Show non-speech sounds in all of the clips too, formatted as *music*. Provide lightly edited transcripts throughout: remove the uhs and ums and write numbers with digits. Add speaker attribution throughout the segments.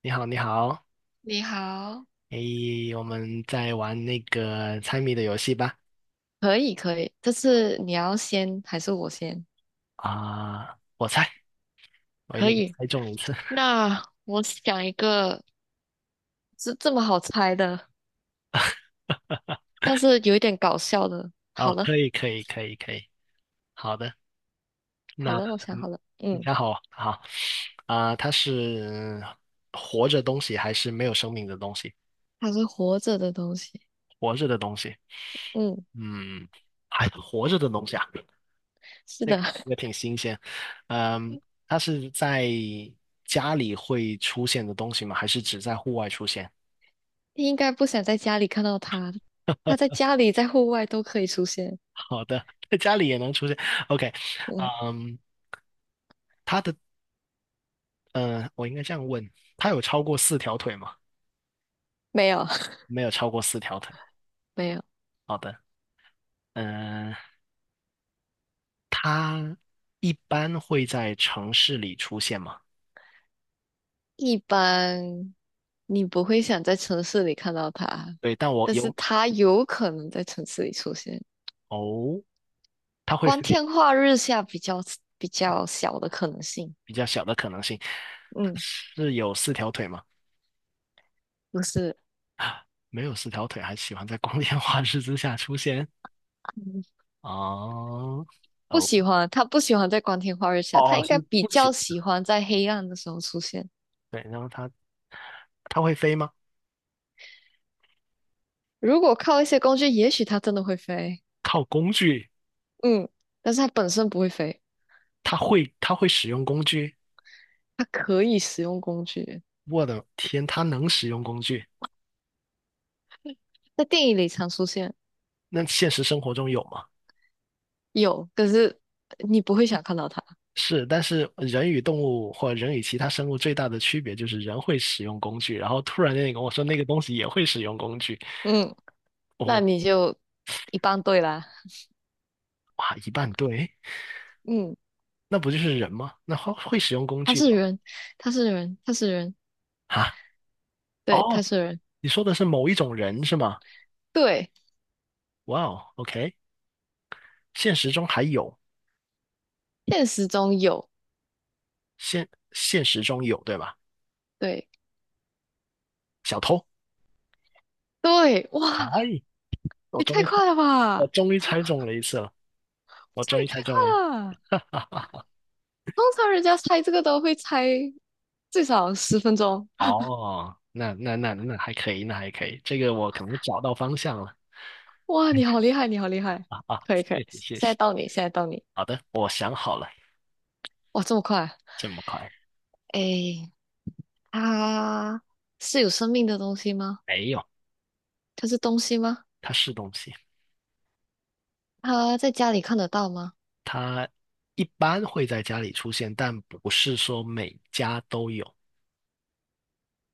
Speaker 1: 你好，你好，
Speaker 2: 你好，
Speaker 1: 诶，我们在玩那个猜谜的游戏吧。
Speaker 2: 可以，可以，这次你要先还是我先？
Speaker 1: 我猜，我一
Speaker 2: 可
Speaker 1: 定要
Speaker 2: 以。
Speaker 1: 猜中一次。
Speaker 2: 那我想一个，是这么好猜的，
Speaker 1: *laughs*
Speaker 2: 但是有一点搞笑的。好
Speaker 1: 哦，
Speaker 2: 了，
Speaker 1: 可以，可以，可以，可以。好的，
Speaker 2: 好
Speaker 1: 那
Speaker 2: 了，我想
Speaker 1: 嗯
Speaker 2: 好了，
Speaker 1: 你
Speaker 2: 嗯，
Speaker 1: 想好，好它是活着东西还是没有生命的东西？
Speaker 2: 它是活着的东西，
Speaker 1: 活着的东西，
Speaker 2: 嗯，
Speaker 1: 嗯，还活着的东西啊，
Speaker 2: 是的，
Speaker 1: 也
Speaker 2: *laughs*
Speaker 1: 挺新鲜。嗯，它是在家里会出现的东西吗？还是只在户外出现？
Speaker 2: 你应该不想在家里看到它，它在家里、在户外都可以出现。
Speaker 1: 好的，在家里也能出现。OK，
Speaker 2: 嗯，
Speaker 1: 嗯，它的，我应该这样问，它有超过四条腿吗？
Speaker 2: 没有，
Speaker 1: 没有超过四条腿。
Speaker 2: *laughs* 没有，
Speaker 1: 好的，嗯、它一般会在城市里出现吗？
Speaker 2: 一般你不会想在城市里看到它，
Speaker 1: 对，但我
Speaker 2: 但是
Speaker 1: 有，
Speaker 2: 它有可能在城市里出现。
Speaker 1: 哦，它会
Speaker 2: 光
Speaker 1: 飞，
Speaker 2: 天化日下比较小的可能性。
Speaker 1: 比较小的可能性。它
Speaker 2: 嗯，
Speaker 1: 是有四条腿吗？
Speaker 2: 不是，
Speaker 1: 没有四条腿，还喜欢在光天化日之下出现？
Speaker 2: 嗯
Speaker 1: 哦，
Speaker 2: 不
Speaker 1: 哦，
Speaker 2: 喜欢，他不喜欢在光天化日下，他
Speaker 1: 哦，
Speaker 2: 应该
Speaker 1: 是
Speaker 2: 比
Speaker 1: 不
Speaker 2: 较
Speaker 1: 行。
Speaker 2: 喜欢在黑暗的时候出现。
Speaker 1: 对，然后它会飞吗？
Speaker 2: 如果靠一些工具，也许他真的会飞。
Speaker 1: 靠工具。
Speaker 2: 嗯，但是他本身不会飞，
Speaker 1: 他会使用工具，
Speaker 2: 他可以使用工具，
Speaker 1: 我的天，他能使用工具？
Speaker 2: 在电影里常出现，
Speaker 1: 那现实生活中有吗？
Speaker 2: 有，可是你不会想看到他。
Speaker 1: 是，但是人与动物或人与其他生物最大的区别就是人会使用工具，然后突然间你跟我说那个东西也会使用工具，
Speaker 2: 嗯，那
Speaker 1: 哦，
Speaker 2: 你就一般对啦。
Speaker 1: 哇，一半对，
Speaker 2: 嗯，
Speaker 1: 那不就是人吗？那会使用工
Speaker 2: 他
Speaker 1: 具的
Speaker 2: 是人，他是人，他是人，
Speaker 1: 哈？
Speaker 2: 对，他
Speaker 1: 哦，
Speaker 2: 是人，
Speaker 1: 你说的是某一种人是吗？
Speaker 2: 对，
Speaker 1: 哇哦，OK，现实中还有，
Speaker 2: 现实中有。
Speaker 1: 现现实中有对吧？
Speaker 2: 对
Speaker 1: 小偷，
Speaker 2: 对，哇，
Speaker 1: 哎，我
Speaker 2: 也
Speaker 1: 终
Speaker 2: 太
Speaker 1: 于猜，
Speaker 2: 快了
Speaker 1: 我
Speaker 2: 吧！
Speaker 1: 终于猜中了一次了，我
Speaker 2: 这
Speaker 1: 终
Speaker 2: 也
Speaker 1: 于
Speaker 2: 太
Speaker 1: 猜
Speaker 2: 快
Speaker 1: 中了。
Speaker 2: 了。通常人家猜这个都会猜最少10分钟。
Speaker 1: 哦，那还可以，那还可以，这个我可能找到方向了
Speaker 2: 哇，你好厉害，你好厉害！
Speaker 1: 啊！
Speaker 2: 可以
Speaker 1: 谢
Speaker 2: 可以，
Speaker 1: 谢
Speaker 2: 现
Speaker 1: 谢
Speaker 2: 在
Speaker 1: 谢，
Speaker 2: 到你，现在到你。
Speaker 1: 好的，我想好了，
Speaker 2: 哇，这么快啊！
Speaker 1: 这么快？
Speaker 2: 诶，它是有生命的东西吗？
Speaker 1: 没有，
Speaker 2: 它是东西吗？
Speaker 1: 它是东西，
Speaker 2: 它在家里看得到吗？
Speaker 1: 它一般会在家里出现，但不是说每家都有。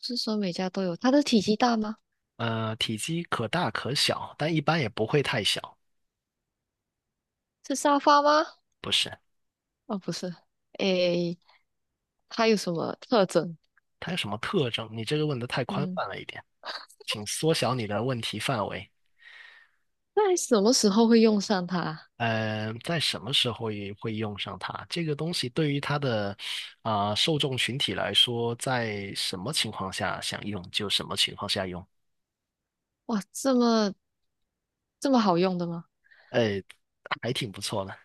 Speaker 2: 是说每家都有？它的体积大吗？
Speaker 1: 体积可大可小，但一般也不会太小。
Speaker 2: 是沙发吗？
Speaker 1: 不是，
Speaker 2: 哦，不是。诶，它有什么特征？
Speaker 1: 它有什么特征？你这个问的太宽
Speaker 2: 嗯，
Speaker 1: 泛了一点，请缩小你的问题范围。
Speaker 2: 在什么时候会用上它？
Speaker 1: 在什么时候也会用上它？这个东西对于它的受众群体来说，在什么情况下想用就什么情况下用，
Speaker 2: 哇，这么好用的吗？
Speaker 1: 呃，还挺不错的，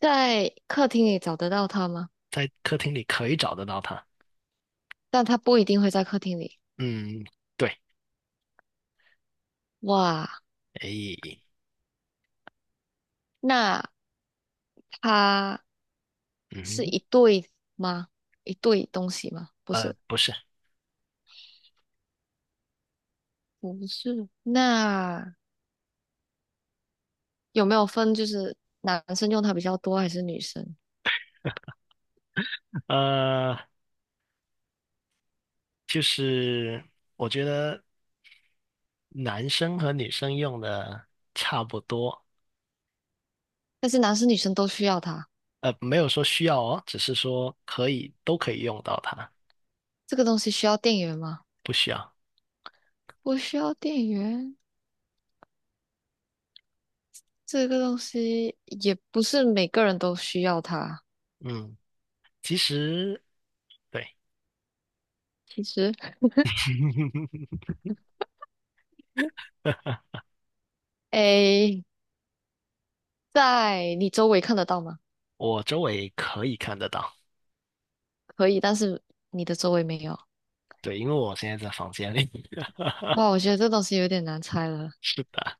Speaker 2: 在客厅里找得到它吗？
Speaker 1: 在客厅里可以找得到它。
Speaker 2: 但它不一定会在客厅里。
Speaker 1: 嗯，对，
Speaker 2: 哇，
Speaker 1: 哎，
Speaker 2: 那它是
Speaker 1: 嗯，
Speaker 2: 一对吗？一对东西吗？不是，
Speaker 1: 不是，
Speaker 2: 不是，那有没有分就是男生用它比较多还是女生？
Speaker 1: 呃，就是我觉得男生和女生用的差不多，
Speaker 2: 但是男生女生都需要它。
Speaker 1: 没有说需要哦，只是说可以，都可以用到它，
Speaker 2: 这个东西需要电源吗？
Speaker 1: 不需要。
Speaker 2: 不需要电源。这个东西也不是每个人都需要它。
Speaker 1: 嗯。其实对，
Speaker 2: 其实
Speaker 1: *laughs*
Speaker 2: *laughs* 诶，在你周围看得到吗？
Speaker 1: 我周围可以看得到，
Speaker 2: 可以，但是你的周围没有。
Speaker 1: 对，因为我现在在房间里。*laughs*
Speaker 2: 哇，我觉得这东西有点难猜了。
Speaker 1: 是的，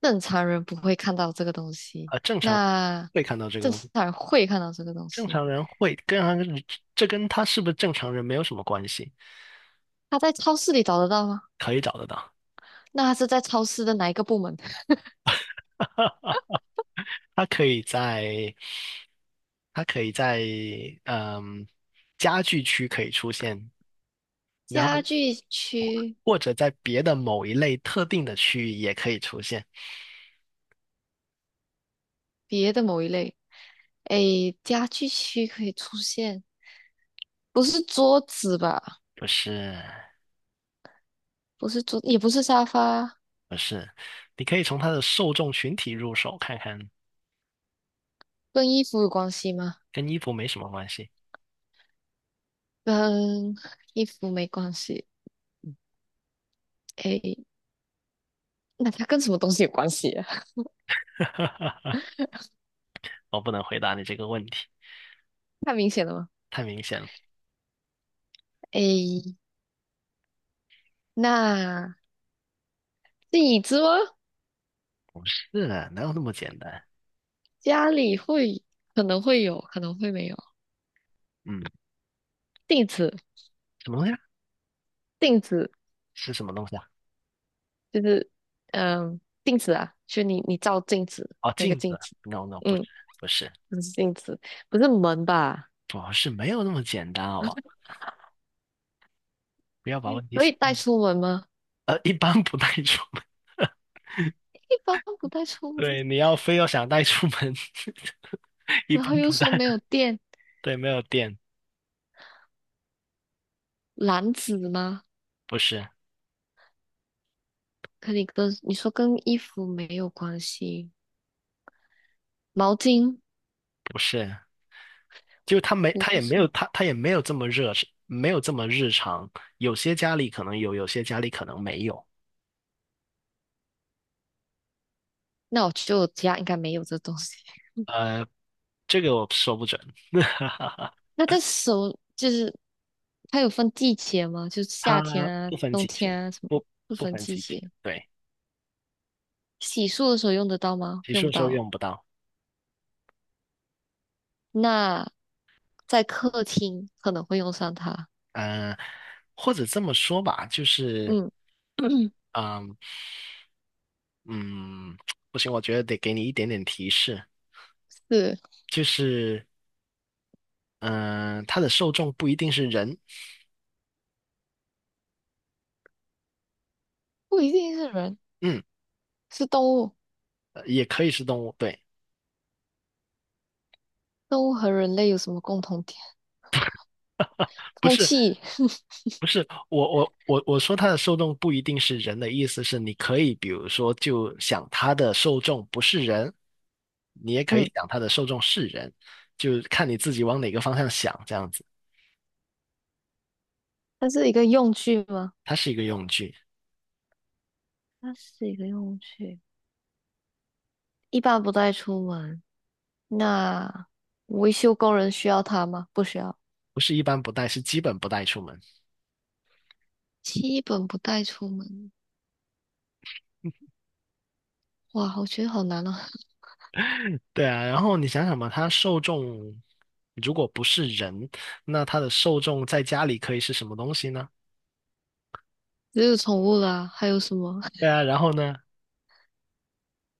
Speaker 2: 正常人不会看到这个东西，
Speaker 1: 啊，正常
Speaker 2: 那
Speaker 1: 会看到这个
Speaker 2: 正
Speaker 1: 东西，
Speaker 2: 常人会看到这个东
Speaker 1: 正
Speaker 2: 西。
Speaker 1: 常人会跟他这跟他是不是正常人没有什么关系，
Speaker 2: 他在超市里找得到吗？
Speaker 1: 可以找得到。
Speaker 2: 那他是在超市的哪一个部门？*laughs*
Speaker 1: *laughs* 他可以在，他可以在，嗯，家具区可以出现，然后
Speaker 2: 家具区
Speaker 1: 或者在别的某一类特定的区域也可以出现，
Speaker 2: 别的某一类？诶，家具区可以出现，不是桌子吧？
Speaker 1: 就是
Speaker 2: 不是桌，也不是沙发，
Speaker 1: 不是，你可以从它的受众群体入手看看，
Speaker 2: 跟衣服有关系吗？
Speaker 1: 跟衣服没什么关系。
Speaker 2: 跟衣服没关系。诶，那它跟什么东西有关系啊？*laughs*
Speaker 1: 我不能回答你这个问题，
Speaker 2: 太明显了吗？
Speaker 1: 太明显了。
Speaker 2: 诶，那椅子吗？
Speaker 1: 不是，哪有那么简单？
Speaker 2: 家里会可能会有，可能会没有。
Speaker 1: 嗯，
Speaker 2: 镜子，
Speaker 1: 什么东西啊？
Speaker 2: 镜子
Speaker 1: 是什么东西啊？
Speaker 2: 就是嗯，镜子啊，就你照镜子
Speaker 1: 哦，
Speaker 2: 那个
Speaker 1: 镜
Speaker 2: 镜
Speaker 1: 子。
Speaker 2: 子，
Speaker 1: No no，不是，
Speaker 2: 嗯，
Speaker 1: 不是，
Speaker 2: 不是镜子，不是门吧？
Speaker 1: 不是，没有那么简单，好不好，不要把问题
Speaker 2: 可
Speaker 1: 想，
Speaker 2: 以带出门吗？
Speaker 1: 一般不带出门。*laughs*
Speaker 2: 一般不带出门。
Speaker 1: 对，你要非要想带出门，*laughs* 一
Speaker 2: 然后
Speaker 1: 般
Speaker 2: 又
Speaker 1: 不
Speaker 2: 说
Speaker 1: 带。
Speaker 2: 没有电，
Speaker 1: 对，没有电，
Speaker 2: 篮子吗？
Speaker 1: 不是，
Speaker 2: 可你跟你说跟衣服没有关系，毛巾
Speaker 1: 不是，就他没，他
Speaker 2: 不
Speaker 1: 也没有，
Speaker 2: 是。
Speaker 1: 他也没有这么热，没有这么日常。有些家里可能有，有些家里可能没有。
Speaker 2: 那我就家应该没有这东西。*laughs*
Speaker 1: 呃，这个我说不准，
Speaker 2: 那这手就是它有分季节吗？就是夏天
Speaker 1: 它
Speaker 2: 啊、
Speaker 1: 不分
Speaker 2: 冬
Speaker 1: 季节，
Speaker 2: 天啊什么，
Speaker 1: 不
Speaker 2: 不
Speaker 1: 不
Speaker 2: 分
Speaker 1: 分
Speaker 2: 季
Speaker 1: 季节。
Speaker 2: 节。
Speaker 1: 对，
Speaker 2: 洗漱的时候用得到吗？
Speaker 1: 洗
Speaker 2: 用
Speaker 1: 漱
Speaker 2: 不
Speaker 1: 的时候
Speaker 2: 到。
Speaker 1: 用不到。
Speaker 2: 那在客厅可能会用上它。
Speaker 1: 呃，或者这么说吧，就是，
Speaker 2: 嗯，*coughs*
Speaker 1: 嗯嗯，不行，我觉得得给你一点点提示，
Speaker 2: *clears throat* 是，
Speaker 1: 就是，嗯、它的受众不一定是人，
Speaker 2: 不一定是人，
Speaker 1: 嗯，
Speaker 2: 是动物。
Speaker 1: 也可以是动物，对，
Speaker 2: 动物和人类有什么共同点？
Speaker 1: 不
Speaker 2: 空
Speaker 1: 是。
Speaker 2: 气。*laughs*
Speaker 1: 不是我说它的受众不一定是人的意思是，你可以比如说就想它的受众不是人，你也可以
Speaker 2: 嗯，
Speaker 1: 想它的受众是人，就看你自己往哪个方向想这样子。
Speaker 2: 它是一个用具吗？
Speaker 1: 它是一个用具，
Speaker 2: 它是一个用具，一般不带出门。那维修工人需要它吗？不需要，
Speaker 1: 不是一般不带，是基本不带出门。
Speaker 2: 基本不带出门。哇，我觉得好难哦。*laughs*
Speaker 1: 对啊，然后你想想嘛，它受众如果不是人，那它的受众在家里可以是什么东西呢？
Speaker 2: 只有宠物啦，还有什么？*laughs*
Speaker 1: 对啊，然后呢，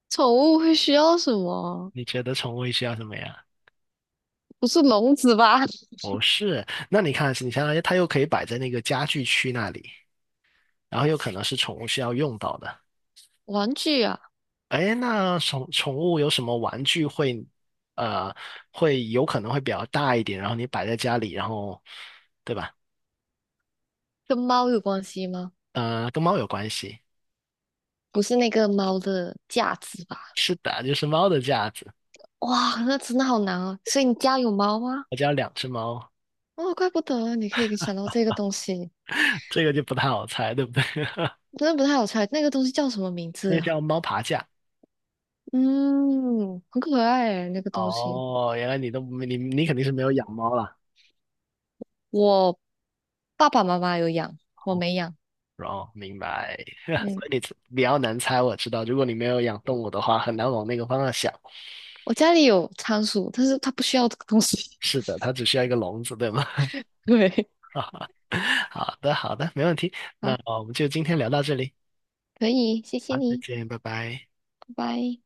Speaker 2: 宠物会需要什么？
Speaker 1: 你觉得宠物需要什么呀？
Speaker 2: 不是笼子吧？
Speaker 1: 不是，那你看，你想想，它又可以摆在那个家具区那里。然后有可能是宠物需要用到的。
Speaker 2: *laughs* 玩具啊，
Speaker 1: 哎，那宠物有什么玩具会，呃，会有可能会比较大一点，然后你摆在家里，然后，对吧？
Speaker 2: 跟猫有关系吗？
Speaker 1: 跟猫有关系。
Speaker 2: 不是那个猫的架子吧？
Speaker 1: 是的，就是猫的架子。
Speaker 2: 哇，那真的好难哦。所以你家有猫吗？
Speaker 1: 我家有两只猫，
Speaker 2: 哦，怪不得你可以想到这个东西，
Speaker 1: *laughs* 这个就不太好猜，对不对？*laughs*
Speaker 2: 真的不太好猜。那个东西叫什么名字
Speaker 1: 那
Speaker 2: 啊
Speaker 1: 叫猫爬架。
Speaker 2: 嗯，很可爱哎，那个东西。
Speaker 1: 哦，原来你都没你你肯定是没有养猫啦。
Speaker 2: 我爸爸妈妈有养，我没养。
Speaker 1: 哦，明白。*laughs* 所
Speaker 2: 嗯，
Speaker 1: 以你比较难猜，我知道。如果你没有养动物的话，很难往那个方向想。
Speaker 2: 我家里有仓鼠，但是它不需要这个东西。
Speaker 1: 是的，它只需要一个笼子，对吗？
Speaker 2: *laughs* 对，
Speaker 1: *laughs* 好的，好的，没问题。
Speaker 2: 好，
Speaker 1: 那我们就今天聊到这里，
Speaker 2: 可以，谢谢
Speaker 1: 好，再
Speaker 2: 你，
Speaker 1: 见，拜拜。
Speaker 2: 拜拜。